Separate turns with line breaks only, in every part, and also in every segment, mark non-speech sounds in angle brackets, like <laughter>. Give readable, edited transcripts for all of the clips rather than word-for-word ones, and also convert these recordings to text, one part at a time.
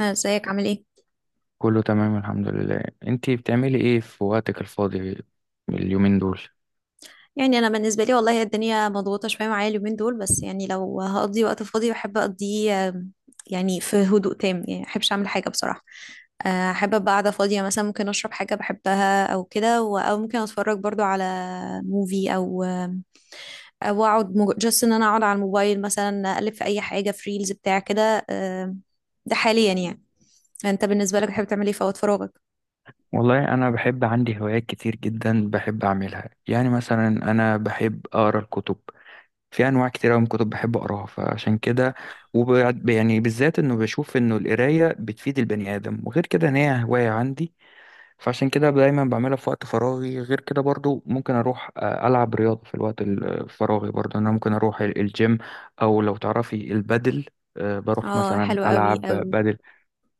ازيك عامل ايه؟
كله تمام الحمد لله. انتي بتعملي ايه في وقتك الفاضي اليومين دول؟
يعني انا بالنسبه لي والله الدنيا مضغوطه شويه معايا اليومين دول، بس يعني لو هقضي وقت فاضي بحب اقضيه يعني في هدوء تام، يعني ما بحبش اعمل حاجه بصراحه. احب ابقى قاعده فاضيه، مثلا ممكن اشرب حاجه بحبها او كده، او ممكن اتفرج برضو على موفي، او او اقعد جاست ان انا اقعد على الموبايل، مثلا اقلب في اي حاجه في ريلز بتاع كده. ده حاليا يعني. انت بالنسبه لك بتحب تعمل ايه في وقت فراغك؟
والله أنا بحب، عندي هوايات كتير جدا بحب أعملها. يعني مثلا أنا بحب أقرأ الكتب، في أنواع كتير أوي من الكتب بحب أقراها فعشان كده وب يعني بالذات إنه بشوف إنه القراية بتفيد البني آدم وغير كده إن هي هواية عندي. فعشان كده دايما بعملها في وقت فراغي. غير كده برضو ممكن اروح العب رياضه في الوقت الفراغي برضو. انا ممكن اروح الجيم او لو تعرفي البادل، بروح
اه،
مثلا
حلو قوي
العب
قوي.
بادل.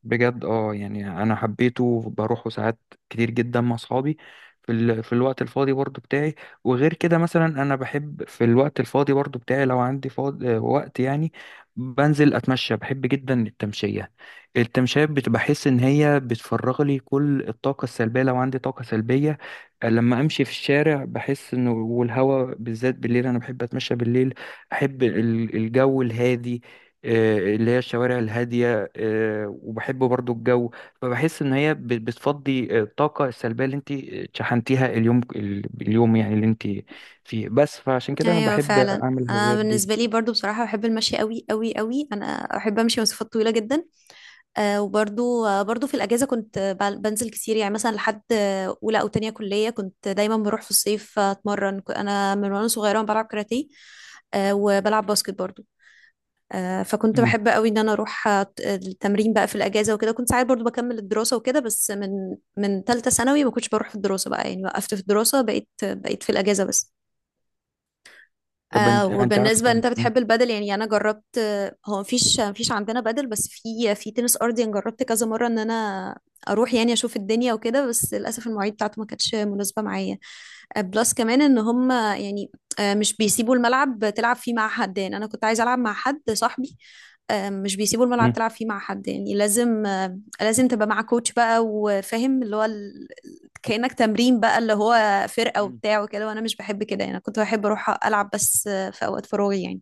بجد اه، يعني انا حبيته بروحه ساعات كتير جدا مع اصحابي في الوقت الفاضي برضو بتاعي. وغير كده مثلا انا بحب في الوقت الفاضي برضو بتاعي لو عندي فاضي وقت يعني بنزل اتمشى، بحب جدا التمشية. التمشية بحس ان هي بتفرغ لي كل الطاقة السلبية لو عندي طاقة سلبية. لما امشي في الشارع بحس انه، والهوا بالذات بالليل انا بحب اتمشى بالليل. احب الجو الهادي، اللي هي الشوارع الهادية. وبحب برضو الجو، فبحس ان هي بتفضي الطاقه السلبيه اللي انت شحنتيها اليوم، اليوم يعني اللي انت فيه بس. فعشان كده انا
ايوه
بحب
فعلا.
اعمل
انا
الهوايات دي.
بالنسبه لي برضو بصراحه بحب المشي قوي قوي قوي، انا احب امشي مسافات طويله جدا. آه وبرضو آه برضو في الاجازه كنت بنزل كتير، يعني مثلا لحد اولى او تانية كليه كنت دايما بروح في الصيف اتمرن. انا من وانا صغيره بلعب كاراتيه، آه وبلعب باسكت برضو. آه، فكنت
مم.
بحب قوي ان انا اروح التمرين بقى في الاجازه وكده، كنت ساعات برضو بكمل الدراسه وكده، بس من من ثالثه ثانوي ما كنتش بروح في الدراسه بقى، يعني وقفت في الدراسه، بقيت في الاجازه بس.
طب،
آه،
انت
وبالنسبة ان
عارفه.
انت
مم.
بتحب البادل، يعني انا جربت. هو مفيش عندنا بادل، بس في تنس ارضي انا جربت كذا مرة ان انا اروح يعني اشوف الدنيا وكده، بس للاسف المواعيد بتاعته ما كانتش مناسبة معايا. بلس كمان ان هم يعني مش بيسيبوا الملعب تلعب فيه مع حد، يعني انا كنت عايزة العب مع حد صاحبي. مش بيسيبوا الملعب
مم.
تلعب فيه مع حد، يعني لازم لازم تبقى مع كوتش بقى وفاهم اللي هو كأنك تمرين بقى، اللي هو فرقة
مم.
وبتاع وكده، وانا مش بحب كده. يعني أنا كنت بحب اروح العب بس في اوقات فراغي يعني،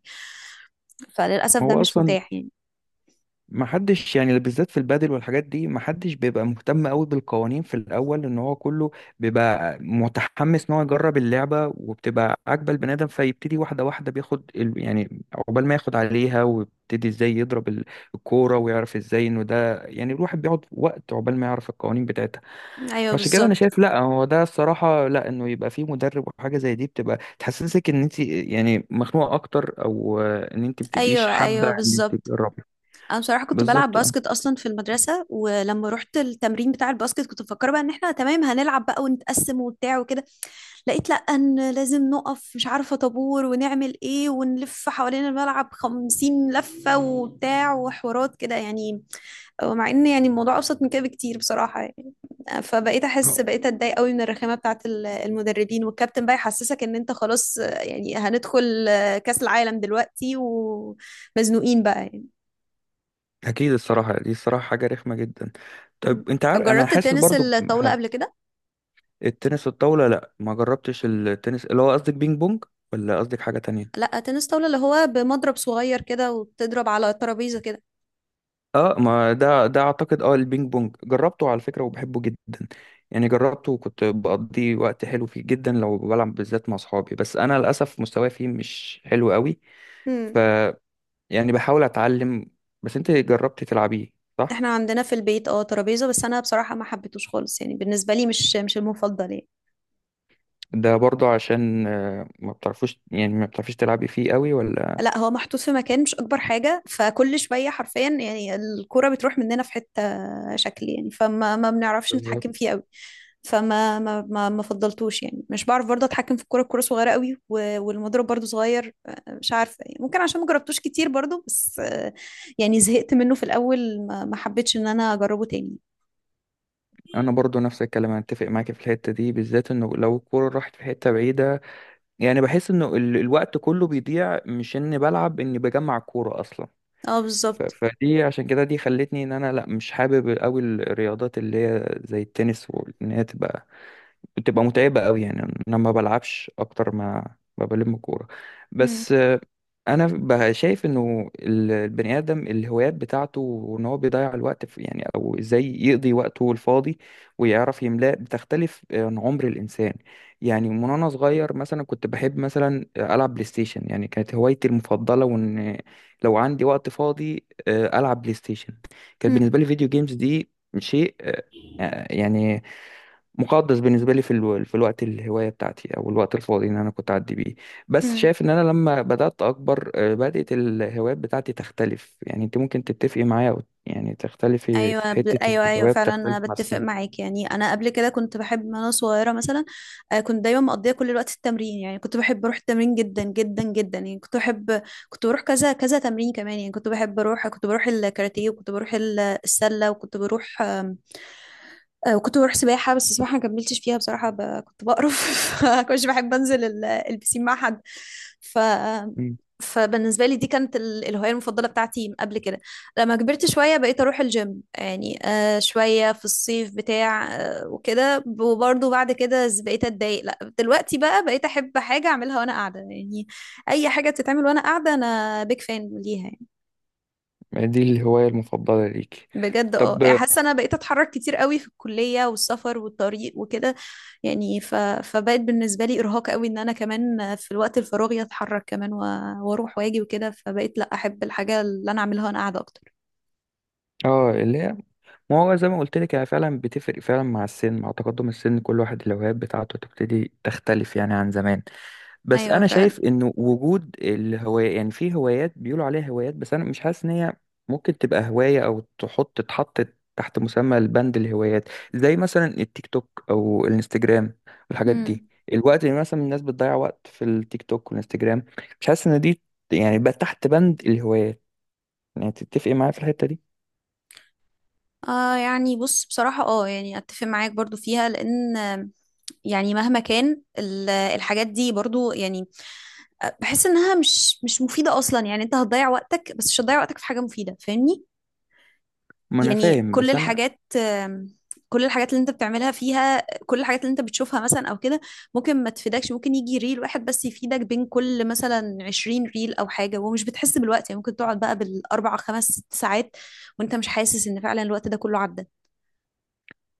فللاسف ده
هو
مش
اصلا
متاح يعني.
ما حدش، يعني بالذات في البادل والحاجات دي ما حدش بيبقى مهتم قوي بالقوانين في الاول، ان هو كله بيبقى متحمس ان هو يجرب اللعبه وبتبقى عاجبه البني ادم، فيبتدي واحده واحده بياخد يعني عقبال ما ياخد عليها ويبتدي ازاي يضرب الكوره ويعرف ازاي انه ده، يعني الواحد بيقعد وقت عقبال ما يعرف القوانين بتاعتها.
ايوه
فعشان كده انا
بالظبط.
شايف لا، هو ده الصراحه، لا انه يبقى فيه مدرب وحاجه زي دي بتبقى تحسسك ان انت يعني مخنوقه اكتر، او ان انت بتبقيش
ايوه
حابه
ايوه
ان انت
بالظبط.
تجربي.
انا بصراحه كنت بلعب
بالظبط اه.
باسكت اصلا في المدرسه، ولما رحت التمرين بتاع الباسكت كنت مفكره بقى ان احنا تمام هنلعب بقى ونتقسم وبتاع وكده. لقيت لا، ان لازم نقف مش عارفه طابور، ونعمل ايه ونلف حوالين الملعب خمسين لفه وبتاع وحوارات كده يعني، مع ان يعني الموضوع ابسط من كده بكتير بصراحه يعني. فبقيت احس، بقيت اتضايق قوي من الرخامه بتاعت المدربين والكابتن بقى يحسسك ان انت خلاص، يعني هندخل كاس العالم دلوقتي ومزنوقين بقى يعني.
اكيد الصراحه دي، الصراحه حاجه رخمه جدا.
م.
طب انت عارف، انا
جربت
حاسس
تنس
برضو
الطاوله
بحاجه.
قبل كده؟
التنس الطاوله لا، ما جربتش، التنس اللي هو قصدك بينج بونج، ولا قصدك حاجه تانية؟
لا، تنس طاوله اللي هو بمضرب صغير كده وبتضرب على ترابيزه كده.
اه، ما ده اعتقد، اه البينج بونج جربته على فكره وبحبه جدا. يعني جربته وكنت بقضي وقت حلو فيه جدا لو بلعب بالذات مع صحابي، بس انا للاسف مستواي فيه مش حلو قوي. ف
امم،
يعني بحاول اتعلم. بس انت جربتي تلعبيه، صح؟
احنا عندنا في البيت اه ترابيزه، بس انا بصراحه ما حبيتهوش خالص، يعني بالنسبه لي مش مش المفضل يعني.
ده برضو عشان ما بتعرفوش يعني ما بتعرفيش تلعبي فيه قوي ولا؟
لا، هو محطوط في مكان مش اكبر حاجه، فكل شويه حرفيا يعني الكوره بتروح مننا في حته شكل يعني، فما ما بنعرفش نتحكم
بالظبط.
فيه قوي. فما ما ما ما فضلتوش يعني، مش بعرف برضه اتحكم في الكوره صغيره قوي والمضرب برضه صغير. مش عارفه يعني، ممكن عشان ما جربتوش كتير برضه، بس يعني زهقت منه في الاول، ما حبيتش ان انا اجربه تاني.
انا برضو نفس الكلام، انا اتفق معاك في الحته دي بالذات، انه لو الكوره راحت في حته بعيده يعني بحس انه الوقت كله بيضيع، مش اني بلعب، اني بجمع الكوره اصلا.
اه بالظبط.
فدي عشان كده دي خلتني ان انا لا، مش حابب قوي الرياضات اللي هي زي التنس، وان هي تبقى بتبقى متعبة قوي يعني. انا ما بلعبش اكتر ما بلم كورة
مم.
بس. انا بقى شايف انه البني ادم الهوايات بتاعته، وان هو بيضيع الوقت في، يعني او ازاي يقضي وقته الفاضي ويعرف يملاه، بتختلف عن عمر الانسان. يعني من وانا صغير مثلا كنت بحب مثلا العب بلاي ستيشن، يعني كانت هوايتي المفضلة، وان لو عندي وقت فاضي العب بلاي ستيشن. كانت بالنسبة لي فيديو جيمز دي شيء، يعني مقدس بالنسبه لي في الوقت، الهوايه بتاعتي او الوقت الفاضي ان انا كنت اعدي بيه. بس
مم.
شايف ان انا لما بدات اكبر، بدات الهوايات بتاعتي تختلف. يعني انت ممكن تتفقي معايا أو يعني تختلفي
ايوه
في حته،
ايوه ايوه
الهوايه
فعلا، انا
بتختلف مع
بتفق
السن.
معاك. يعني انا قبل كده كنت بحب من وانا صغيره مثلا، كنت دايما مقضيه كل الوقت في التمرين، يعني كنت بحب اروح التمرين جدا جدا جدا، يعني كنت بحب كنت بروح كذا كذا تمرين كمان، يعني كنت بحب اروح، كنت بروح الكاراتيه وكنت بروح السله وكنت بروح وكنت بروح سباحة، بس السباحة ما كملتش فيها بصراحة، كنت بقرف. <laughs> فكنتش بحب انزل البسين مع حد. ف
مم.
فبالنسبة لي دي كانت الهواية المفضلة بتاعتي من قبل كده. لما كبرت شوية بقيت اروح الجيم، يعني آه شوية في الصيف بتاع آه وكده، وبرضه بعد كده بقيت اتضايق، لا دلوقتي بقى بقيت احب حاجة اعملها وانا قاعدة يعني. اي حاجة بتتعمل وانا قاعدة انا بيك فان ليها يعني.
يعني دي الهوايه المفضله ليكي؟
بجد اه،
طب
يعني حاسة انا بقيت اتحرك كتير قوي في الكلية والسفر والطريق وكده، يعني فبقت بالنسبة لي ارهاق قوي ان انا كمان في الوقت الفراغي اتحرك كمان و... واروح واجي وكده، فبقيت لا، احب الحاجة اللي انا اعملها وانا قاعدة اكتر.
اه، اللي هي، ما هو زي ما قلت لك هي فعلا بتفرق فعلا مع السن، مع تقدم السن كل واحد الهوايات بتاعته تبتدي تختلف يعني عن زمان. بس
ايوه
انا
فعلا.
شايف انه وجود الهواية، يعني في هوايات بيقولوا عليها هوايات، بس انا مش حاسس ان هي ممكن تبقى هواية او تتحط تحت مسمى البند الهوايات، زي مثلا التيك توك او الانستجرام والحاجات دي.
مم.
الوقت اللي مثلا الناس بتضيع وقت في التيك توك والانستجرام، مش حاسس ان دي، يعني بقى تحت بند الهوايات. يعني تتفقي معايا في الحتة دي؟
آه، يعني بص بصراحة اه، يعني اتفق معاك برضو فيها، لان يعني مهما كان الحاجات دي برضو يعني بحس انها مش مش مفيدة اصلا، يعني انت هتضيع وقتك، بس مش هتضيع وقتك في حاجة مفيدة، فاهمني؟
ما انا
يعني
فاهم،
كل
بس انا
الحاجات كل الحاجات اللي انت بتعملها فيها، كل الحاجات اللي انت بتشوفها مثلا او كده، ممكن ما تفيدكش، ممكن يجي ريل واحد بس يفيدك بين كل مثلا 20 ريل او حاجة، ومش بتحس بالوقت، يعني ممكن تقعد بقى بالاربع خمس ست ساعات وانت مش حاسس ان فعلا الوقت ده كله عدى.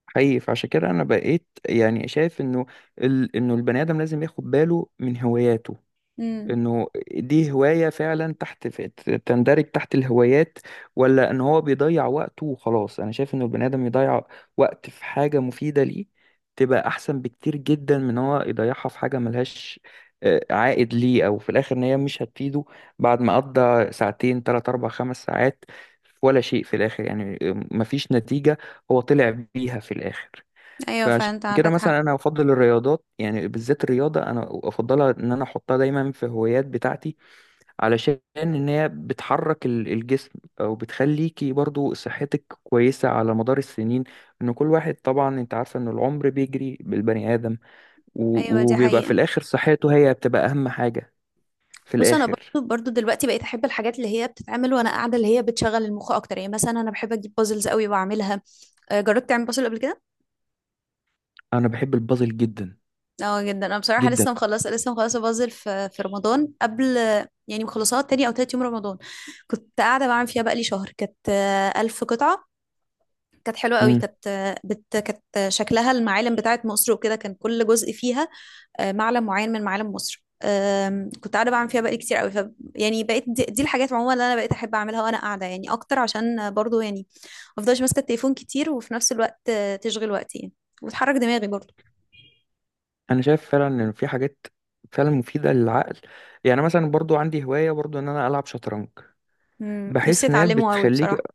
حقيقي، فعشان كده انا بقيت يعني شايف انه البني ادم لازم ياخد باله من هواياته.
مم.
انه دي هواية فعلا، تحت في تندرج تحت الهوايات، ولا ان هو بيضيع وقته وخلاص. انا شايف ان البني ادم يضيع وقت في حاجة مفيدة ليه، تبقى احسن بكتير جدا من إن هو يضيعها في حاجة ملهاش، عائد ليه، او في الاخر ان هي مش هتفيده بعد ما قضى ساعتين تلات اربع خمس ساعات ولا شيء في الاخر، يعني مفيش نتيجة هو طلع بيها في الاخر.
ايوه
فعشان
فانت
كده
عندك حق.
مثلا انا افضل الرياضات، يعني بالذات الرياضه انا افضلها، ان انا احطها دايما في هوايات بتاعتي، علشان ان هي بتحرك الجسم، او بتخليكي برضو صحتك كويسه على مدار السنين، ان كل واحد طبعا انت عارفه ان العمر بيجري بالبني ادم
ايوه دي
وبيبقى في
حقيقة.
الاخر صحته هي بتبقى اهم حاجه في
بص انا
الاخر.
برضو برضو دلوقتي بقيت احب الحاجات اللي هي بتتعمل وانا قاعده، اللي هي بتشغل المخ اكتر، يعني مثلا انا بحب اجيب بازلز قوي واعملها. جربت تعمل بازل قبل كده؟
انا بحب البازل جدا
اه جدا. انا بصراحة
جدا.
لسه مخلصة، لسه مخلصة بازل في رمضان، قبل يعني، مخلصاها تاني او تالت يوم رمضان. كنت قاعدة بعمل فيها بقالي شهر، كانت ألف قطعة. كانت حلوة قوي،
امم
كانت كانت شكلها المعالم بتاعت مصر وكده، كان كل جزء فيها معلم معين من معالم مصر. كنت قاعده بعمل فيها بقالي كتير قوي. يعني بقيت دي الحاجات عموما اللي انا بقيت احب اعملها وانا قاعده يعني اكتر، عشان برضو يعني ما افضلش ماسكه التليفون كتير، وفي نفس الوقت تشغل وقتي يعني، وتحرك دماغي برضو.
انا شايف فعلا ان في حاجات فعلا مفيده للعقل. يعني مثلا برضو عندي هوايه برضو ان انا العب شطرنج،
مم، نفسي
بحيث ان هي
اتعلمه قوي
بتخليك
بصراحه.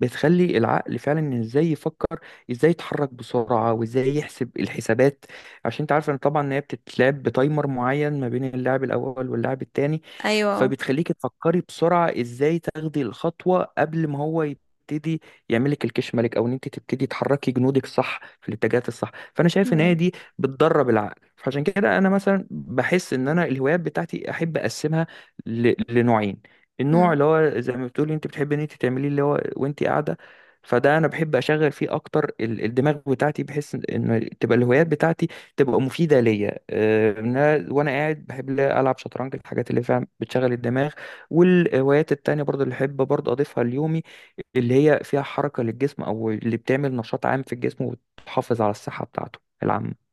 بتخلي العقل فعلا ازاي يفكر، ازاي يتحرك بسرعه وازاي يحسب الحسابات. عشان انت عارف ان طبعا ان هي بتتلعب بتايمر معين ما بين اللاعب الاول واللاعب التاني،
ايوه.
فبتخليك تفكري بسرعه ازاي تاخدي الخطوه قبل ما هو يبتدي يعملك الكش ملك، او ان انت تبتدي تحركي جنودك صح في الاتجاهات الصح. فانا شايف ان هي
مم.
دي بتدرب العقل. فعشان كده انا مثلا بحس ان انا الهوايات بتاعتي احب اقسمها لنوعين. النوع
مم.
اللي هو زي ما بتقولي انت بتحبي ان انت تعمليه اللي هو وانت قاعده، فده انا بحب اشغل فيه اكتر الدماغ بتاعتي، بحيث ان إن تبقى الهوايات بتاعتي تبقى مفيده ليا، ان أنا وانا قاعد بحب لا العب شطرنج، الحاجات اللي فعلا بتشغل الدماغ. والهوايات التانية برضو اللي احب برضو اضيفها ليومي، اللي هي فيها حركه للجسم او اللي بتعمل نشاط عام في الجسم وتحافظ على الصحه بتاعته العامه.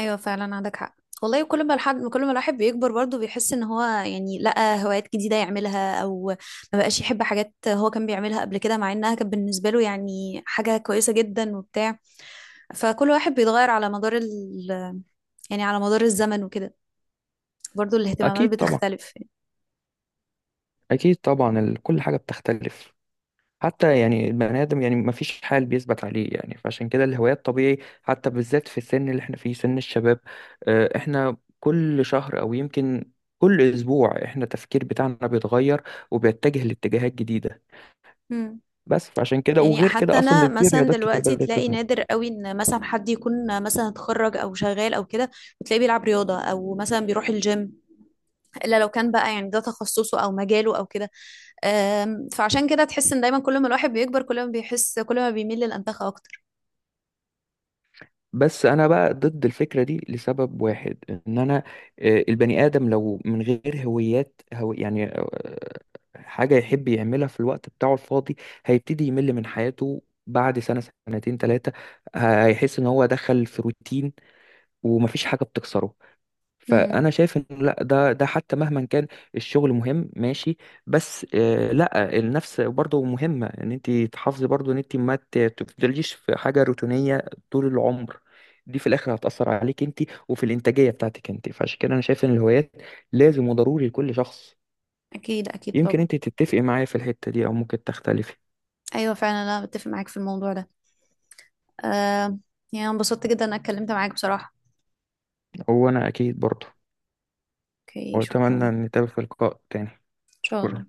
ايوه فعلا عندك حق. والله كل ما الواحد بيكبر برضه بيحس ان هو يعني لقى هوايات جديده يعملها، او ما بقاش يحب حاجات هو كان بيعملها قبل كده، مع انها كانت بالنسبه له يعني حاجه كويسه جدا وبتاع، فكل واحد بيتغير على مدار يعني على مدار الزمن وكده، برضو الاهتمامات
اكيد طبعا،
بتختلف يعني.
اكيد طبعا. كل حاجه بتختلف، حتى يعني البني آدم يعني ما فيش حال بيثبت عليه. يعني فعشان كده الهوايات طبيعي، حتى بالذات في السن اللي احنا فيه سن الشباب، احنا كل شهر أو يمكن كل أسبوع احنا التفكير بتاعنا بيتغير وبيتجه لاتجاهات جديدة.
مم.
بس فعشان كده
يعني
وغير
حتى
كده أصلا
انا
ده في
مثلا
رياضات كتير
دلوقتي
بدأت
تلاقي
تظهر.
نادر قوي ان مثلا حد يكون مثلا اتخرج او شغال او كده، وتلاقيه بيلعب رياضه او مثلا بيروح الجيم، الا لو كان بقى يعني ده تخصصه او مجاله او كده. فعشان كده تحس ان دايما كل ما الواحد بيكبر كل ما بيحس، كل ما بيميل للانتخاب اكتر.
بس انا بقى ضد الفكره دي لسبب واحد، ان انا، البني ادم لو من غير هويات هو، يعني حاجه يحب يعملها في الوقت بتاعه الفاضي، هيبتدي يمل من حياته بعد سنه سنتين ثلاثه، هيحس ان هو دخل في روتين ومفيش حاجه بتكسره.
مم.
فانا شايف ان لا ده حتى مهما كان الشغل مهم ماشي، بس لا النفس برضه مهمه، ان انت تحافظي برضه ان انت ما تفضليش في حاجه روتينيه طول العمر. دي في الاخر هتاثر عليك انت وفي الانتاجيه بتاعتك انت. فعشان كده انا شايف ان الهوايات لازم وضروري لكل شخص.
اكيد اكيد
يمكن
طبعا.
انت تتفقي معايا في الحته دي او ممكن تختلفي.
ايوه فعلا انا بتفق معاك في الموضوع ده. أم، يعني أنا انبسطت جدا إن انا اتكلمت معاك بصراحه.
هو انا اكيد برضه.
اوكي،
واتمنى
شكرا.
ان نتقابل في لقاء تاني.
ان شاء الله.
شكرا.